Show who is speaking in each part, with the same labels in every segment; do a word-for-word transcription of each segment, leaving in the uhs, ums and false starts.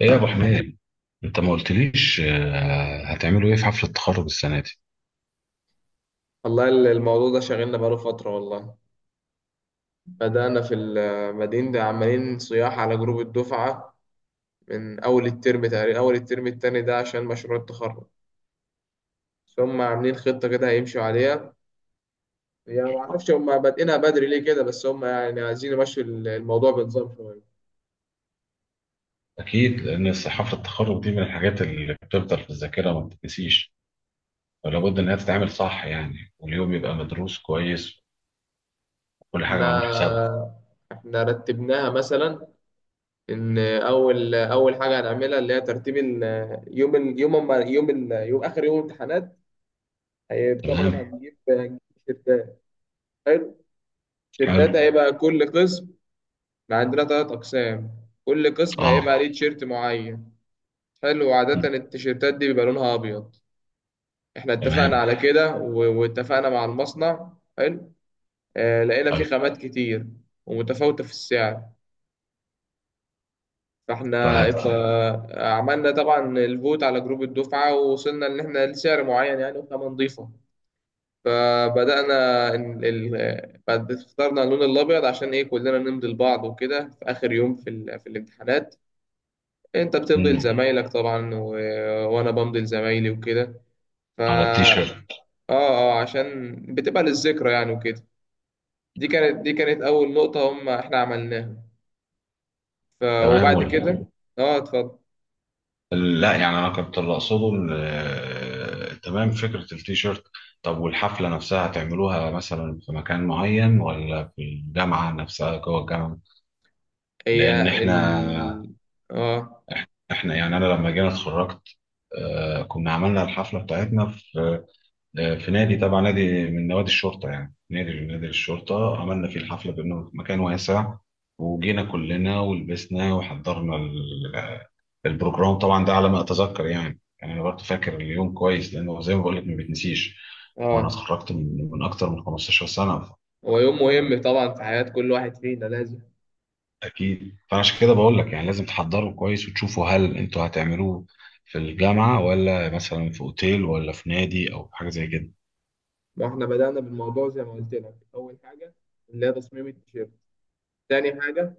Speaker 1: ايه يا ابو حميد؟ انت ما قلتليش. آه، هتعملوا ايه في حفله التخرج السنه دي؟
Speaker 2: والله ال- الموضوع ده شاغلنا بقاله فترة والله. بدأنا في المدينة ده عمالين صياح على جروب الدفعة من أول الترم تقريبا، أول الترم التاني ده عشان مشروع التخرج. بس هم عاملين خطة كده هيمشوا عليها. يعني معرفش هم بادئينها بدري ليه كده، بس هم يعني عايزين يمشوا ال- الموضوع بنظام شوية.
Speaker 1: اكيد لان الس- حفله التخرج دي من الحاجات اللي بتفضل في الذاكره ما بتتنسيش، ولابد انها تتعمل صح يعني، واليوم يبقى مدروس كويس وكل حاجه معمول حسابها.
Speaker 2: احنا احنا رتبناها مثلا ان اول اول حاجه هنعملها اللي هي ترتيب ال- يوم ال- يوم أما- يوم ال- يوم اخر يوم امتحانات. هي طبعا
Speaker 1: تمام.
Speaker 2: هنجيب هنجيب تيشيرتات تيشيرتات
Speaker 1: حلو.
Speaker 2: هيبقى كل قسم. احنا عندنا تلات أقسام، كل قسم
Speaker 1: اه.
Speaker 2: هيبقى ليه تيشيرت معين. حلو،
Speaker 1: م.
Speaker 2: وعادة التيشيرتات دي بيبقى لونها أبيض. احنا اتفقنا
Speaker 1: تمام.
Speaker 2: على كده و- واتفقنا مع المصنع. حلو. اه لقينا فيه
Speaker 1: أيوة.
Speaker 2: خامات كتير ومتفاوتة في السعر. فاحنا
Speaker 1: فهت.
Speaker 2: ات- آه، عملنا طبعا الفوت على جروب الدفعة ووصلنا إن احنا لسعر معين يعني وخامة نضيفة. فبدأنا إن ال... آه، بعد اخترنا اللون الأبيض عشان إيه كلنا نمضي لبعض وكده في آخر يوم في, ال... في الامتحانات. انت بتمضي
Speaker 1: م.
Speaker 2: لزمايلك طبعا، و... وانا بمضي لزمايلي وكده. ف
Speaker 1: على
Speaker 2: اه
Speaker 1: التيشيرت.
Speaker 2: اه عشان بتبقى للذكرى يعني وكده. دي كانت دي كانت اول نقطة هم احنا عملناها. ف...
Speaker 1: تمام.
Speaker 2: وبعد كده اه اتفضل.
Speaker 1: لا يعني انا كنت اللي اقصده إن، آه، تمام فكره التيشيرت. طب والحفله نفسها هتعملوها مثلا في مكان معين ولا في الجامعه نفسها جوه الجامعه؟
Speaker 2: هي
Speaker 1: لان
Speaker 2: ال
Speaker 1: احنا،
Speaker 2: اه
Speaker 1: احنا يعني انا لما جينا اتخرجت، آه، كنا عملنا الحفله بتاعتنا في، آه، في نادي، تبع نادي من نوادي الشرطه، يعني نادي نادي الشرطه عملنا فيه الحفله بانه في مكان واسع، وجينا كلنا ولبسنا وحضرنا. البروجرام طبعا ده على ما اتذكر، يعني يعني انا برضه فاكر اليوم كويس، لانه زي ما بقول لك ما بيتنسيش. وانا
Speaker 2: اه
Speaker 1: اتخرجت من من اكتر من خمستاشر سنه.
Speaker 2: هو يوم مهم طبعا في حياة كل واحد فينا، لازم.
Speaker 1: اكيد، فانا عشان كده بقول لك يعني لازم تحضروا كويس وتشوفوا هل انتوا هتعملوه في الجامعه ولا مثلا في اوتيل ولا في نادي او حاجه زي كده.
Speaker 2: ما احنا بدأنا بالموضوع زي ما قلت لك، اول حاجة اللي هي تصميم التيشيرت. تاني حاجة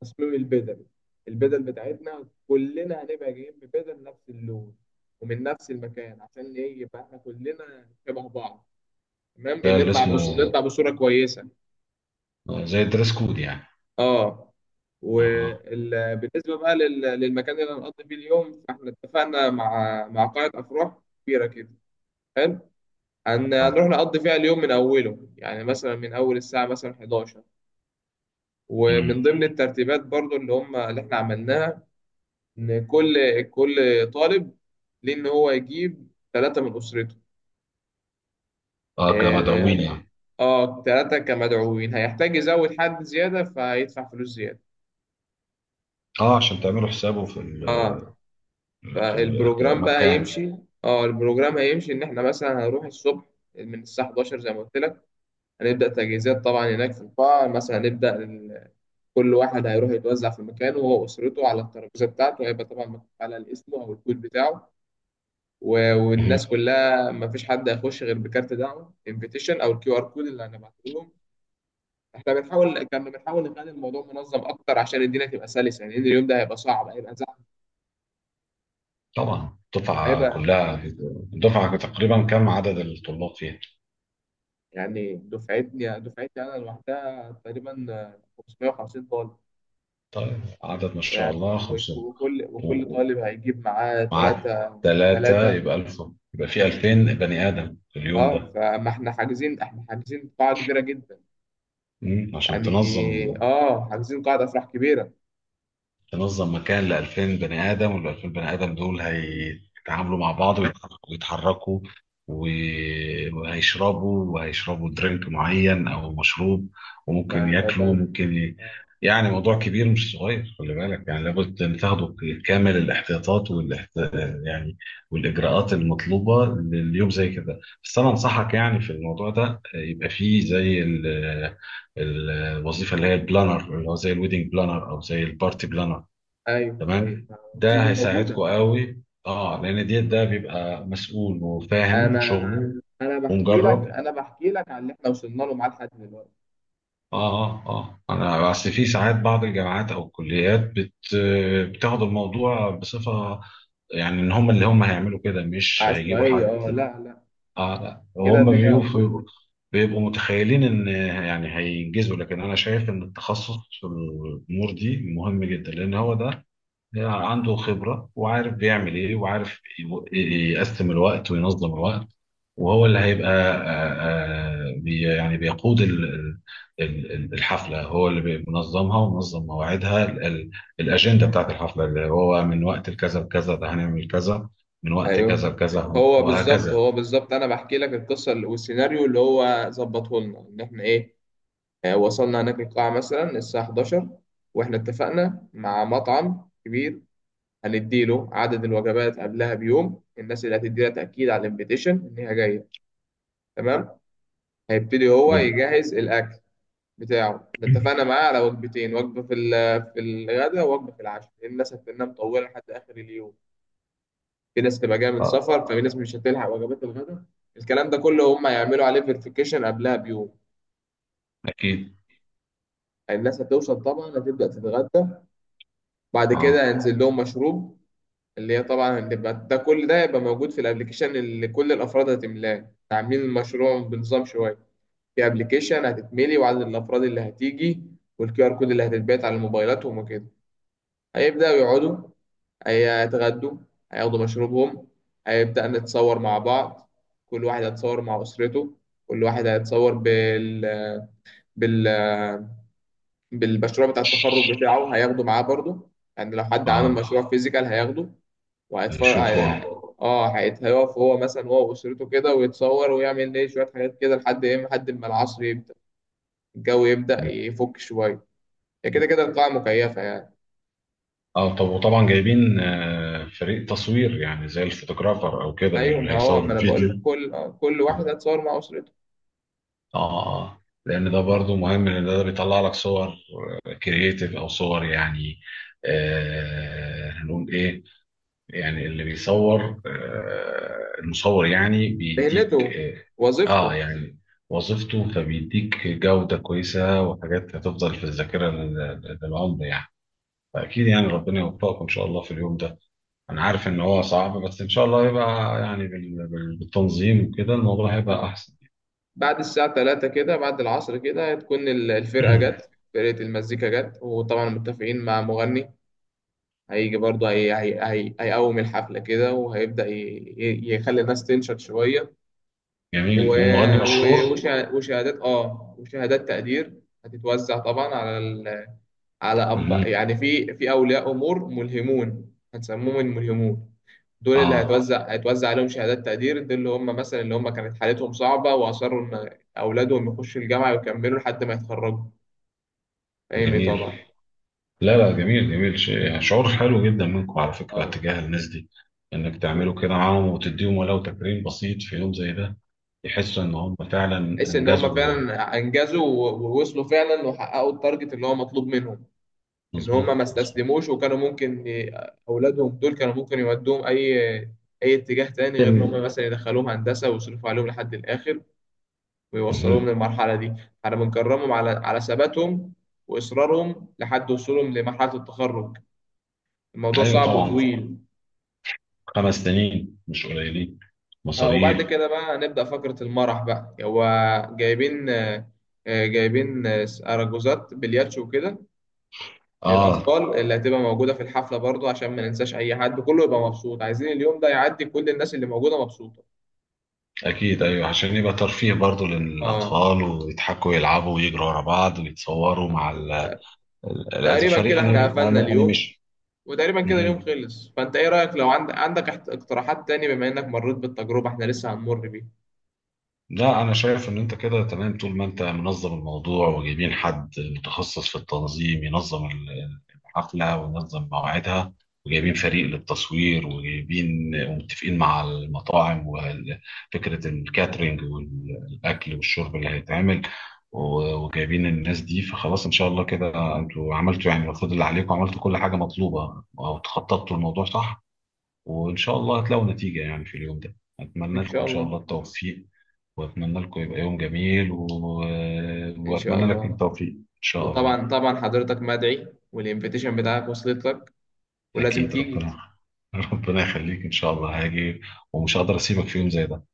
Speaker 2: تصميم البدل. البدل بتاعتنا كلنا هنبقى جايين ببدل نفس اللون ومن نفس المكان، عشان ايه يبقى احنا كلنا شبه بعض. تمام، إيه،
Speaker 1: ده اللي
Speaker 2: نطلع بص...
Speaker 1: اسمه
Speaker 2: نطلع بصورة كويسة.
Speaker 1: زي الدريس كود يعني.
Speaker 2: اه
Speaker 1: اها.
Speaker 2: وبالنسبة بقى لل... للمكان اللي هنقضي فيه اليوم، فاحنا اتفقنا مع مع قاعة أفراح كبيرة كده. حلو، هن...
Speaker 1: اه.
Speaker 2: هنروح نقضي فيها اليوم من أوله يعني، مثلا من أول الساعة مثلا حداشر. ومن
Speaker 1: مم.
Speaker 2: ضمن الترتيبات برضو اللي هم اللي احنا عملناها، ان كل كل طالب ليه ان هو يجيب ثلاثه من اسرته.
Speaker 1: آه، كمدعوين
Speaker 2: اه
Speaker 1: يعني.
Speaker 2: آه، ثلاثه كمدعوين، هيحتاج يزود حد زياده فهيدفع فلوس زياده.
Speaker 1: اه عشان تعملوا حسابه في ال،
Speaker 2: اه
Speaker 1: في
Speaker 2: فالبروجرام بقى
Speaker 1: المكان.
Speaker 2: هيمشي. اه البروجرام هيمشي ان احنا مثلا هنروح الصبح من الساعه الحادية عشر زي ما قلت لك. هنبدا تجهيزات طبعا هناك في القاعه، مثلا. هنبدا ال- كل واحد هيروح يتوزع في مكانه وهو اسرته على الترابيزه بتاعته، هيبقى طبعا مكتوب على الاسم او الكود بتاعه. و- والناس كلها ما فيش حد هيخش غير بكارت دعوه، انفيتيشن او الكيو ار كود اللي هنبعته لهم. احنا بنحاول كنا بنحاول نخلي الموضوع منظم اكتر عشان الدنيا تبقى سلسه يعني، لأن اليوم ده هيبقى صعب، هيبقى زحمه
Speaker 1: طبعا الدفعة
Speaker 2: وهيبقى
Speaker 1: كلها، الدفعة تقريبا كم عدد الطلاب فيها؟
Speaker 2: يعني دفعتني دفعتي انا لوحدها تقريبا خمسمية وخمسين طالب.
Speaker 1: طيب عدد ما شاء
Speaker 2: يعني
Speaker 1: الله
Speaker 2: وك-
Speaker 1: خمسمية.
Speaker 2: وكل وكل
Speaker 1: و-
Speaker 2: طالب هيجيب معاه
Speaker 1: ومع
Speaker 2: ثلاثه
Speaker 1: ثلاثة
Speaker 2: ثلاثه
Speaker 1: يبقى ألف، يبقى في ألفين بني آدم في اليوم
Speaker 2: اه
Speaker 1: ده.
Speaker 2: فما احنا حاجزين احنا حاجزين قاعه كبيره جدا.
Speaker 1: مم. عشان
Speaker 2: يعني
Speaker 1: تنظم
Speaker 2: اه حاجزين قاعده افراح كبيره.
Speaker 1: تنظم مكان ل ألفين بني ادم، وال ألفين بني ادم دول هيتعاملوا مع بعض ويتح- ويتحركوا، و- وهيشربوا وهيشربوا درينك معين او مشروب،
Speaker 2: ما
Speaker 1: وممكن
Speaker 2: ده ده
Speaker 1: ياكلوا، ممكن ي...
Speaker 2: آه.
Speaker 1: يعني موضوع كبير مش صغير، خلي بالك يعني لابد ان تاخدوا كامل الاحتياطات والاحت... يعني والاجراءات المطلوبه لليوم زي كده. بس انا انصحك يعني في الموضوع ده يبقى فيه زي ال... الوظيفه اللي هي البلانر، اللي هو زي الويدنج بلانر او زي البارتي بلانر.
Speaker 2: ايوه، ايوه،
Speaker 1: تمام.
Speaker 2: في دي
Speaker 1: ده هيساعدكم
Speaker 2: موجوده.
Speaker 1: قوي، اه لان ديت ده بيبقى مسؤول وفاهم
Speaker 2: انا
Speaker 1: شغله. مم.
Speaker 2: انا بحكي لك
Speaker 1: ومجرب.
Speaker 2: انا بحكي لك عن اللي احنا وصلنا له معاه لحد دلوقتي.
Speaker 1: اه اه اه انا بس في ساعات بعض الجامعات او الكليات بت، بتاخد الموضوع بصفه، يعني ان هم اللي هم هيعملوا كده مش هيجيبوا
Speaker 2: عشوائيه،
Speaker 1: حد.
Speaker 2: اه لا، لا،
Speaker 1: اه لا،
Speaker 2: كده
Speaker 1: هم
Speaker 2: الدنيا هتبوظ.
Speaker 1: بيبقوا، بيبقوا متخيلين ان، يعني هينجزوا. لكن انا شايف ان التخصص في الامور دي مهم جدا، لان هو ده عنده خبرة وعارف بيعمل إيه، وعارف ي- يقسم الوقت وينظم الوقت، وهو اللي هيبقى آه، آه، بي يعني بيقود ال- ال- ال- الحفلة، هو اللي بينظمها ومنظم مواعيدها، ال- ال- الأجندة بتاعت الحفلة، اللي هو من وقت لكذا لكذا ده هنعمل كذا، من وقت كذا
Speaker 2: ايوه،
Speaker 1: لكذا
Speaker 2: هو بالظبط
Speaker 1: وهكذا.
Speaker 2: هو بالظبط، انا بحكي لك القصه والسيناريو اللي هو ظبطه لنا، ان احنا ايه آه، وصلنا هناك القاعه مثلا الساعه الحادية عشر. واحنا اتفقنا مع مطعم كبير، هنديله عدد الوجبات قبلها بيوم، الناس اللي هتدينا تاكيد على الانفيتيشن ان هي جايه. تمام، هيبتدي هو يجهز الاكل بتاعه ده. اتفقنا معاه على وجبتين: وجبة في ال- في الغداء، ووجبة في العشاء، لأن الناس هتبقى مطولة لحد آخر اليوم. في ناس تبقى جاية من
Speaker 1: آه،
Speaker 2: سفر، ففي ناس مش هتلحق وجبات الغداء. الكلام ده كله هم هيعملوا عليه فيريفيكيشن قبلها بيوم.
Speaker 1: أكيد.
Speaker 2: الناس هتوصل طبعا، هتبدأ تتغدى، بعد
Speaker 1: أه.
Speaker 2: كده هينزل لهم مشروب. اللي هي طبعا هتبقى ده كل ده هيبقى موجود في الابليكيشن اللي كل الأفراد هتملاه، عاملين المشروع بنظام شوية. في ابليكيشن هتتملي، وعدد الأفراد اللي هتيجي، والكيو ار كود اللي هتتبعت على موبايلاتهم وكده. هيبدأوا يقعدوا، هيتغدوا، هياخدوا مشروبهم، هيبدأ نتصور مع بعض. كل واحد هيتصور مع أسرته، كل واحد هيتصور بال... بال... بالمشروع بتاع التخرج بتاعه، هياخده معاه برضه. يعني لو حد عامل
Speaker 1: أه.
Speaker 2: مشروع فيزيكال هياخده وهيتفرج
Speaker 1: شوفوا.
Speaker 2: هي... اه هيت- هيقف هو مثلا، هو وأسرته كده، ويتصور ويعمل ايه شوية حاجات كده لحد ايه لحد ما العصر يبدأ، الجو يبدأ يفك شوية. هي كده كده القاعة مكيفة يعني.
Speaker 1: اه طب وطبعا جايبين، آه، فريق تصوير يعني زي الفوتوغرافر او كده،
Speaker 2: أيوة،
Speaker 1: اللي
Speaker 2: ما هو
Speaker 1: هيصور
Speaker 2: ما أنا بقول
Speaker 1: الفيديو.
Speaker 2: كل آه، كل
Speaker 1: اه.
Speaker 2: واحد هيتصور مع أسرته،
Speaker 1: اه. آه. لان ده برضو مهم، لان ده بيطلع لك صور كرييتيف او صور يعني، آه هنقول ايه، يعني اللي بيصور، آه المصور يعني بيديك
Speaker 2: مهنته
Speaker 1: اه, آه
Speaker 2: وظيفته.
Speaker 1: يعني وظيفته، فبيديك جودة كويسة وحاجات هتفضل في الذاكرة، لل- للعمر يعني. فأكيد يعني ربنا يوفقكم إن شاء الله في اليوم ده. انا عارف ان هو صعب، بس ان شاء الله يبقى يعني بال- بال- بالتنظيم وكده الموضوع هيبقى
Speaker 2: اه
Speaker 1: احسن.
Speaker 2: بعد الساعة ثلاثة كده، بعد العصر كده، هتكون ال- الفرقة جت، فرقة المزيكا جت، وطبعا متفقين مع مغني هيجي برضه. هي هي هي هيقوم الحفلة كده، وهيبدأ ي- ي- يخلي الناس تنشط شوية. و...
Speaker 1: جميل، والمغني
Speaker 2: و...
Speaker 1: مشهور؟
Speaker 2: وشه- وشهادات اه وشهادات تقدير هتتوزع طبعا على ال... على أب
Speaker 1: مهم.
Speaker 2: يعني في في أولياء أمور ملهمون، هنسموهم الملهمون. دول اللي اه
Speaker 1: اه.
Speaker 2: هيتوزع هيتوزع عليهم شهادات تقدير، دول اللي هم مثلا اللي هم كانت حالتهم صعبة وأصروا إن أولادهم يخشوا الجامعة ويكملوا لحد ما يتخرجوا. فاهمني
Speaker 1: جميل.
Speaker 2: طبعا.
Speaker 1: لا لا، جميل، جميل شيء يعني، شعور حلو جدا منكم على فكرة
Speaker 2: اه
Speaker 1: تجاه الناس دي، انك تعملوا كده
Speaker 2: وتحس
Speaker 1: معاهم وتديهم ولو تكريم بسيط في يوم زي ده، يحسوا ان هم فعلا
Speaker 2: إن هم
Speaker 1: انجزوا.
Speaker 2: فعلا أنجزوا و- ووصلوا فعلا، وحققوا التارجت اللي هو مطلوب منهم. إن
Speaker 1: مظبوط.
Speaker 2: هم ما
Speaker 1: مظبوط.
Speaker 2: استسلموش، وكانوا ممكن ي- أولادهم دول كانوا ممكن يودوهم أي أي اتجاه تاني، غير إن هم
Speaker 1: مم.
Speaker 2: مثلا يدخلوهم هندسة ويصرفوا عليهم لحد الآخر ويوصلوهم
Speaker 1: مهم.
Speaker 2: للمرحلة دي. احنا بنكرمهم على على ثباتهم وإصرارهم لحد وصولهم لمرحلة التخرج. الموضوع
Speaker 1: ايوه
Speaker 2: صعب
Speaker 1: طبعا،
Speaker 2: وطويل.
Speaker 1: خمس سنين مش قليلين.
Speaker 2: اه وبعد
Speaker 1: مصاريف.
Speaker 2: كده بقى نبدأ فقرة المرح بقى. هو جايبين آه، آه، جايبين آه، أرجوزات بلياتشو وكده
Speaker 1: اه.
Speaker 2: للأطفال اللي هتبقى موجودة في الحفلة برضو، عشان ما ننساش أي حد، كله يبقى مبسوط، عايزين اليوم ده يعدي كل الناس اللي موجودة مبسوطة.
Speaker 1: أكيد أيوه، عشان يبقى ترفيه برضه
Speaker 2: اه
Speaker 1: للأطفال، ويضحكوا ويلعبوا ويجروا ورا بعض ويتصوروا مع ال... ال-
Speaker 2: تقريبا
Speaker 1: الفريق
Speaker 2: كده احنا
Speaker 1: أني...
Speaker 2: قفلنا
Speaker 1: أني...
Speaker 2: اليوم،
Speaker 1: أنيميشن.
Speaker 2: وتقريبا كده اليوم
Speaker 1: مهم.
Speaker 2: خلص. فانت ايه رأيك، لو عند... عندك احت- اقتراحات تاني بما انك مريت بالتجربة، احنا لسه هنمر بيها.
Speaker 1: لا أنا شايف إن أنت كده تمام، طول ما أنت منظم الموضوع وجايبين حد متخصص في التنظيم ينظم ال- الحفلة وينظم مواعيدها، وجايبين فريق للتصوير، وجايبين ومتفقين مع المطاعم وفكرة الكاترينج والأكل والشرب اللي هيتعمل، و- وجايبين الناس دي، فخلاص إن شاء الله كده أنتوا عملتوا يعني المفروض اللي عليكم، عملتوا كل حاجة مطلوبة أو تخططتوا الموضوع صح، وإن شاء الله هتلاقوا نتيجة يعني في اليوم ده. أتمنى
Speaker 2: ان
Speaker 1: لكم
Speaker 2: شاء
Speaker 1: إن شاء الله
Speaker 2: الله.
Speaker 1: التوفيق، واتمنى لكم يبقى يوم جميل، و...
Speaker 2: ان شاء
Speaker 1: واتمنى لك
Speaker 2: الله.
Speaker 1: التوفيق ان شاء الله.
Speaker 2: وطبعا طبعا حضرتك مدعي، والانفيتيشن بتاعك وصلت لك ولازم
Speaker 1: اكيد،
Speaker 2: تيجي.
Speaker 1: ربنا ربنا يخليك، ان شاء الله هاجي ومش هقدر اسيبك في يوم زي ده.